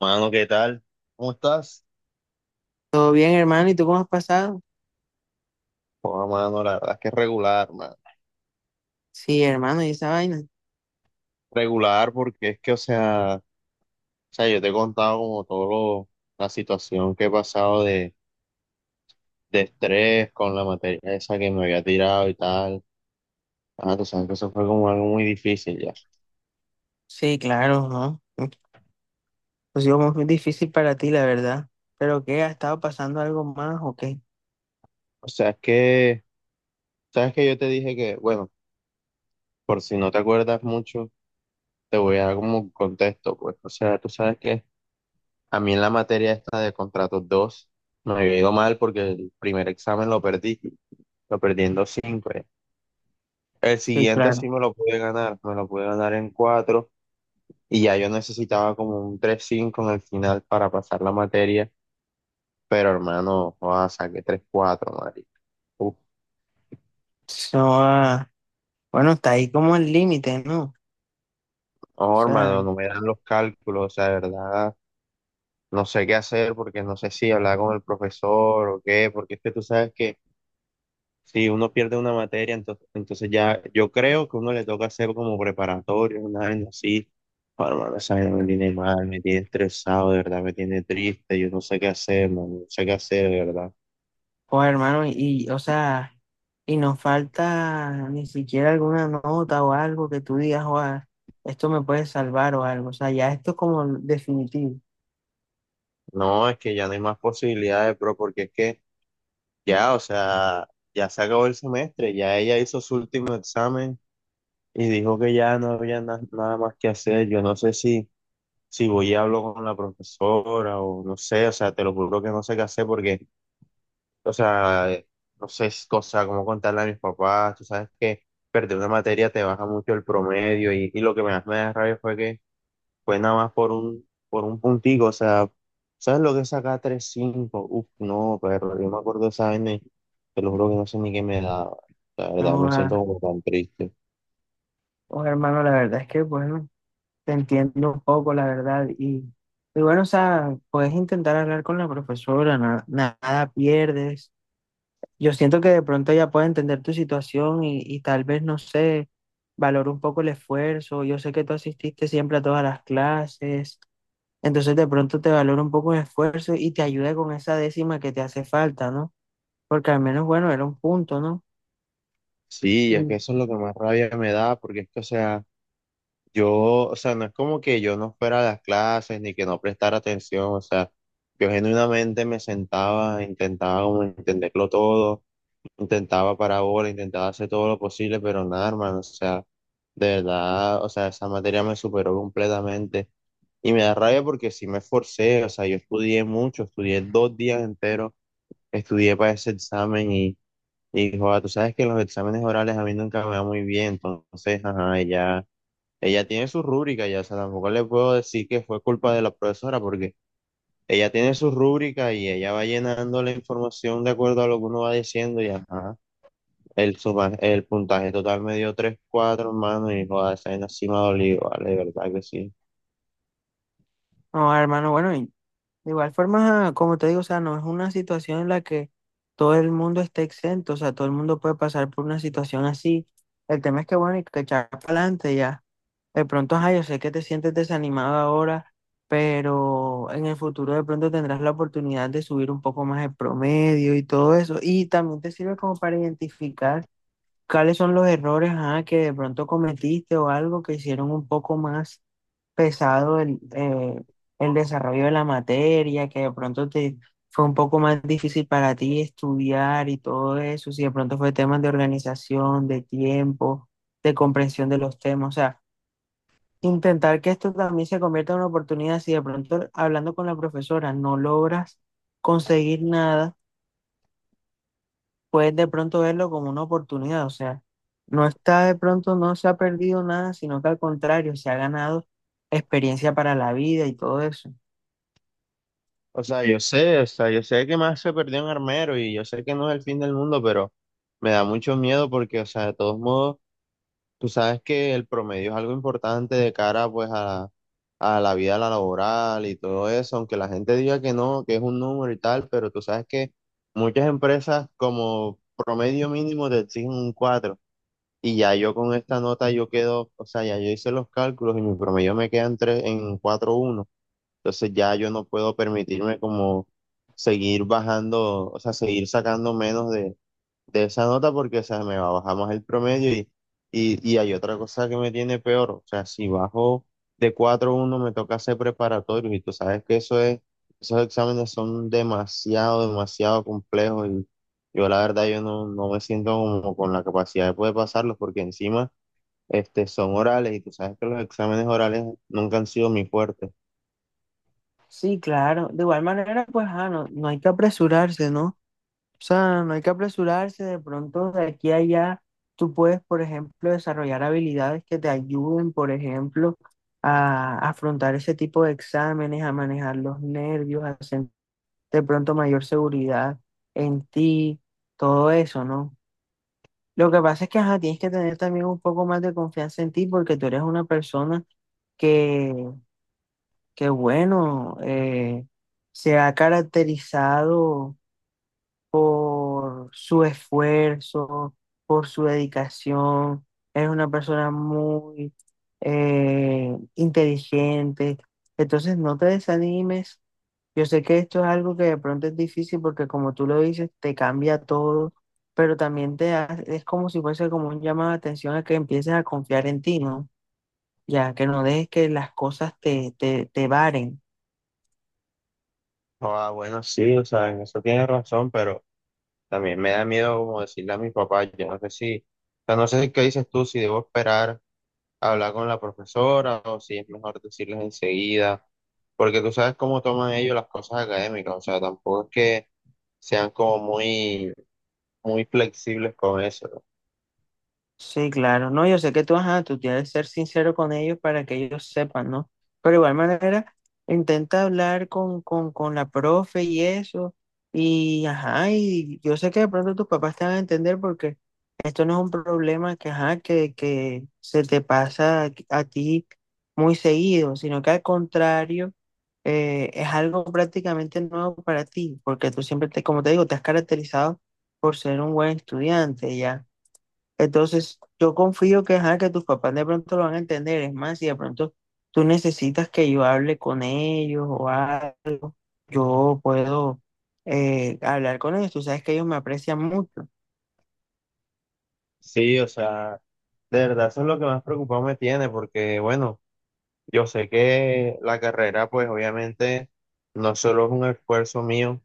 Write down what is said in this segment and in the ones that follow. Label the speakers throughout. Speaker 1: Mano, ¿qué tal? ¿Cómo estás?
Speaker 2: Todo bien, hermano, ¿y tú cómo has pasado?
Speaker 1: Oh, mano, la verdad es que es regular, mano.
Speaker 2: Sí, hermano, ¿y esa vaina?
Speaker 1: Regular porque es que, o sea, yo te he contado como todo la situación que he pasado de estrés con la materia esa que me había tirado y tal. Ah, tú sabes que eso fue como algo muy difícil ya.
Speaker 2: Sí, claro, ¿no? Ha sido muy difícil para ti, la verdad. ¿Pero qué? ¿Ha estado pasando algo más o qué?
Speaker 1: O sea, es que, sabes que yo te dije que, bueno, por si no te acuerdas mucho, te voy a dar como un contexto, pues. O sea, tú sabes que a mí en la materia esta de contratos 2 me había ido mal porque el primer examen lo perdí. Lo perdiendo 5 ya. El
Speaker 2: Sí,
Speaker 1: siguiente
Speaker 2: claro.
Speaker 1: sí me lo pude ganar, me lo pude ganar en 4 y ya yo necesitaba como un tres cinco en el final para pasar la materia, pero hermano, joda, saqué tres cuatro marica. Uf,
Speaker 2: No, bueno, está ahí como el límite, ¿no? O
Speaker 1: no,
Speaker 2: sea,
Speaker 1: hermano, no me dan los cálculos, o sea, de verdad, no sé qué hacer porque no sé si hablar con el profesor o qué, porque es que tú sabes que si uno pierde una materia, entonces ya yo creo que uno le toca hacer como preparatorio, una vaina así. Oh, hermano, esa vaina me tiene mal, me tiene estresado, de verdad, me tiene triste, yo no sé qué hacer, man, no sé qué hacer, de verdad.
Speaker 2: pues hermano, o sea, y nos falta ni siquiera alguna nota o algo que tú digas, o esto me puede salvar o algo. O sea, ya esto es como definitivo.
Speaker 1: No, es que ya no hay más posibilidades, bro, porque es que ya, o sea, ya se acabó el semestre, ya ella hizo su último examen y dijo que ya no había nada más que hacer. Yo no sé si voy y hablo con la profesora o no sé, o sea, te lo juro que no sé qué hacer porque, o sea, no sé, es cosa como contarle a mis papás, tú sabes que perder una materia te baja mucho el promedio, y lo que más me da rabia fue que fue nada más por un puntico, o sea, ¿sabes lo que es sacar tres cinco? Uf. No, pero yo me acuerdo de esa vaina y te lo juro que no sé ni qué me daba, la verdad,
Speaker 2: No,
Speaker 1: me siento como tan triste.
Speaker 2: pues hermano, la verdad es que, bueno, te entiendo un poco, la verdad. Y bueno, o sea, puedes intentar hablar con la profesora, nada pierdes. Yo siento que de pronto ella puede entender tu situación y tal vez, no sé, valore un poco el esfuerzo. Yo sé que tú asististe siempre a todas las clases, entonces de pronto te valora un poco el esfuerzo y te ayuda con esa décima que te hace falta, ¿no? Porque al menos, bueno, era un punto, ¿no?
Speaker 1: Sí, es que
Speaker 2: Y,
Speaker 1: eso es lo que más rabia me da, porque es que, o sea... Yo, o sea, no es como que yo no fuera a las clases ni que no prestara atención, o sea, yo genuinamente me sentaba, intentaba como entenderlo todo, intentaba parábola, intentaba hacer todo lo posible, pero nada, hermano, o sea, de verdad, o sea, esa materia me superó completamente y me da rabia porque sí me esforcé, o sea, yo estudié mucho, estudié dos días enteros, estudié para ese examen y joda, tú sabes que los exámenes orales a mí nunca me va muy bien, entonces, ajá, ya. Ella tiene su rúbrica, ya, o sea, tampoco le puedo decir que fue culpa de la profesora, porque ella tiene su rúbrica y ella va llenando la información de acuerdo a lo que uno va diciendo y ajá, el puntaje total me dio tres cuatro, hermano, y joder, esa vaina sí me ha dolido, vale, de verdad que sí.
Speaker 2: no, hermano, bueno, de igual forma, como te digo, o sea, no es una situación en la que todo el mundo esté exento, o sea, todo el mundo puede pasar por una situación así. El tema es que, bueno, hay que echar para adelante ya. De pronto, ajá, yo sé que te sientes desanimado ahora, pero en el futuro de pronto tendrás la oportunidad de subir un poco más el promedio y todo eso. Y también te sirve como para identificar cuáles son los errores, ajá, que de pronto cometiste o algo que hicieron un poco más pesado el desarrollo de la materia, que de pronto te fue un poco más difícil para ti estudiar y todo eso, si de pronto fue temas de organización, de tiempo, de comprensión de los temas, o sea, intentar que esto también se convierta en una oportunidad, si de pronto hablando con la profesora no logras conseguir nada, puedes de pronto verlo como una oportunidad, o sea, no está de pronto, no se ha perdido nada, sino que al contrario, se ha ganado experiencia para la vida y todo eso.
Speaker 1: O sea, yo sé, o sea, yo sé que más se perdió en Armero y yo sé que no es el fin del mundo, pero me da mucho miedo porque, o sea, de todos modos... Tú sabes que el promedio es algo importante de cara pues a la vida laboral y todo eso, aunque la gente diga que no, que es un número y tal, pero tú sabes que muchas empresas como promedio mínimo te exigen un cuatro, y ya yo con esta nota yo quedo, o sea, ya yo hice los cálculos y mi promedio me queda en en 4.1, entonces ya yo no puedo permitirme como seguir bajando, o sea, seguir sacando menos de esa nota porque, o sea, me va a bajar más el promedio, y hay otra cosa que me tiene peor, o sea, si bajo de 4 uno me toca hacer preparatorios, y tú sabes que eso es, esos exámenes son demasiado, demasiado complejos, y yo la verdad yo no me siento como con la capacidad de poder pasarlos porque encima son orales y tú sabes que los exámenes orales nunca han sido mi fuerte.
Speaker 2: Sí, claro. De igual manera, pues, no, no hay que apresurarse, ¿no? O sea, no hay que apresurarse. De pronto, de aquí a allá, tú puedes, por ejemplo, desarrollar habilidades que te ayuden, por ejemplo, a afrontar ese tipo de exámenes, a manejar los nervios, a sentir de pronto mayor seguridad en ti, todo eso, ¿no? Lo que pasa es que, ajá, tienes que tener también un poco más de confianza en ti porque tú eres una persona que bueno, se ha caracterizado por su esfuerzo, por su dedicación. Es una persona muy inteligente. Entonces, no te desanimes. Yo sé que esto es algo que de pronto es difícil porque como tú lo dices, te cambia todo, pero también es como si fuese como un llamado de atención a que empieces a confiar en ti, ¿no? Ya, que no dejes que las cosas te varen.
Speaker 1: Ah, bueno, sí, o sea, en eso tienes razón, pero... También me da miedo como decirle a mis papás, yo no sé si, o sea, no sé si qué dices tú, si debo esperar a hablar con la profesora o si es mejor decirles enseguida, porque tú sabes cómo toman ellos las cosas académicas, o sea, tampoco es que sean como muy, muy flexibles con eso. ¿No?
Speaker 2: Sí, claro, no, yo sé que tú, ajá, tú tienes que ser sincero con ellos para que ellos sepan, ¿no? Pero de igual manera, intenta hablar con la profe y eso, y ajá, y yo sé que de pronto tus papás te van a entender porque esto no es un problema que, ajá, que se te pasa a ti muy seguido, sino que al contrario, es algo prácticamente nuevo para ti, porque tú siempre, te, como te digo, te has caracterizado por ser un buen estudiante, ¿ya? Entonces, yo confío que, ajá, que tus papás de pronto lo van a entender. Es más, si de pronto tú necesitas que yo hable con ellos o algo, yo puedo hablar con ellos. Tú sabes que ellos me aprecian mucho.
Speaker 1: Sí, o sea, de verdad eso es lo que más preocupado me tiene, porque bueno, yo sé que la carrera pues obviamente no solo es un esfuerzo mío,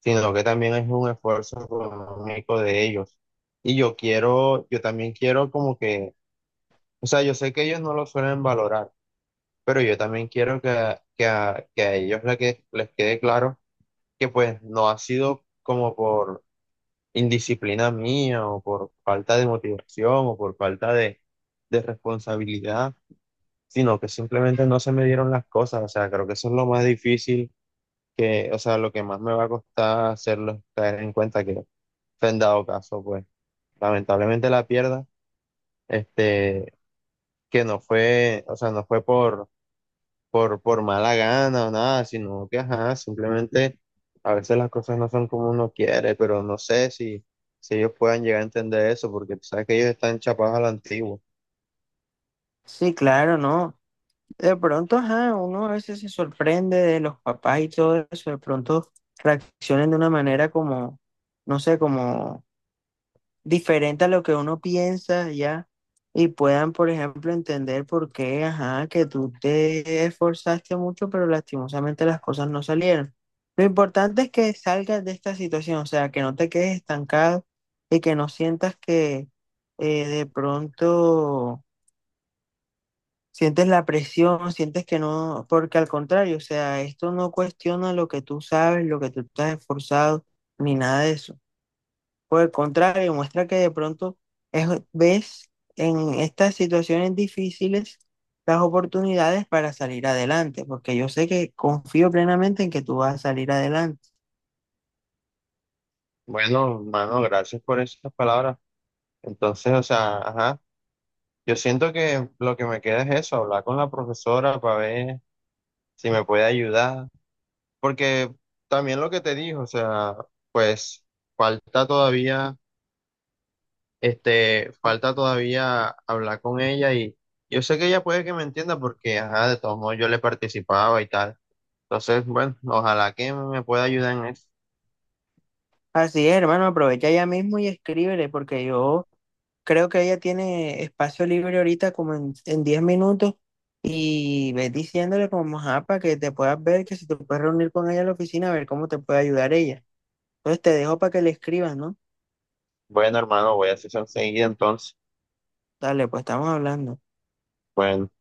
Speaker 1: sino que también es un esfuerzo económico de ellos. Y yo quiero, yo también quiero como que, o sea, yo sé que ellos no lo suelen valorar, pero yo también quiero que, que a ellos les quede claro que pues no ha sido como por indisciplina mía o por falta de motivación o por falta de responsabilidad, sino que simplemente no se me dieron las cosas. O sea, creo que eso es lo más difícil que, o sea, lo que más me va a costar hacerlos caer en cuenta que fue en dado caso, pues lamentablemente la pierda, este, que no fue, o sea, no fue por mala gana o nada, sino que, ajá, simplemente a veces las cosas no son como uno quiere, pero no sé si ellos puedan llegar a entender eso, porque tú sabes que ellos están chapados a la antigua.
Speaker 2: Sí, claro, ¿no? De pronto, ajá, uno a veces se sorprende de los papás y todo eso. De pronto reaccionen de una manera como, no sé, como diferente a lo que uno piensa ya y puedan, por ejemplo, entender por qué, ajá, que tú te esforzaste mucho, pero lastimosamente las cosas no salieron. Lo importante es que salgas de esta situación, o sea, que no te quedes estancado y que no sientas que de pronto sientes la presión, sientes que no, porque al contrario, o sea, esto no cuestiona lo que tú sabes, lo que tú estás esforzado, ni nada de eso. Por el contrario, muestra que de pronto ves en estas situaciones difíciles las oportunidades para salir adelante, porque yo sé que confío plenamente en que tú vas a salir adelante.
Speaker 1: Bueno, mano, gracias por esas palabras. Entonces, o sea, ajá, yo siento que lo que me queda es eso, hablar con la profesora para ver si me puede ayudar. Porque también lo que te dijo, o sea, pues falta todavía, falta
Speaker 2: Ujú.
Speaker 1: todavía hablar con ella, y yo sé que ella puede que me entienda porque, ajá, de todos modos yo le participaba y tal. Entonces, bueno, ojalá que me pueda ayudar en eso.
Speaker 2: Así es, hermano, aprovecha ya mismo y escríbele, porque yo creo que ella tiene espacio libre ahorita como en 10 minutos y ves diciéndole como, ajá, para que te puedas ver, que si te puedes reunir con ella en la oficina, a ver cómo te puede ayudar ella. Entonces te dejo para que le escribas, ¿no?
Speaker 1: Bueno, hermano, voy a hacer eso enseguida entonces.
Speaker 2: Dale, pues estamos hablando.
Speaker 1: Bueno.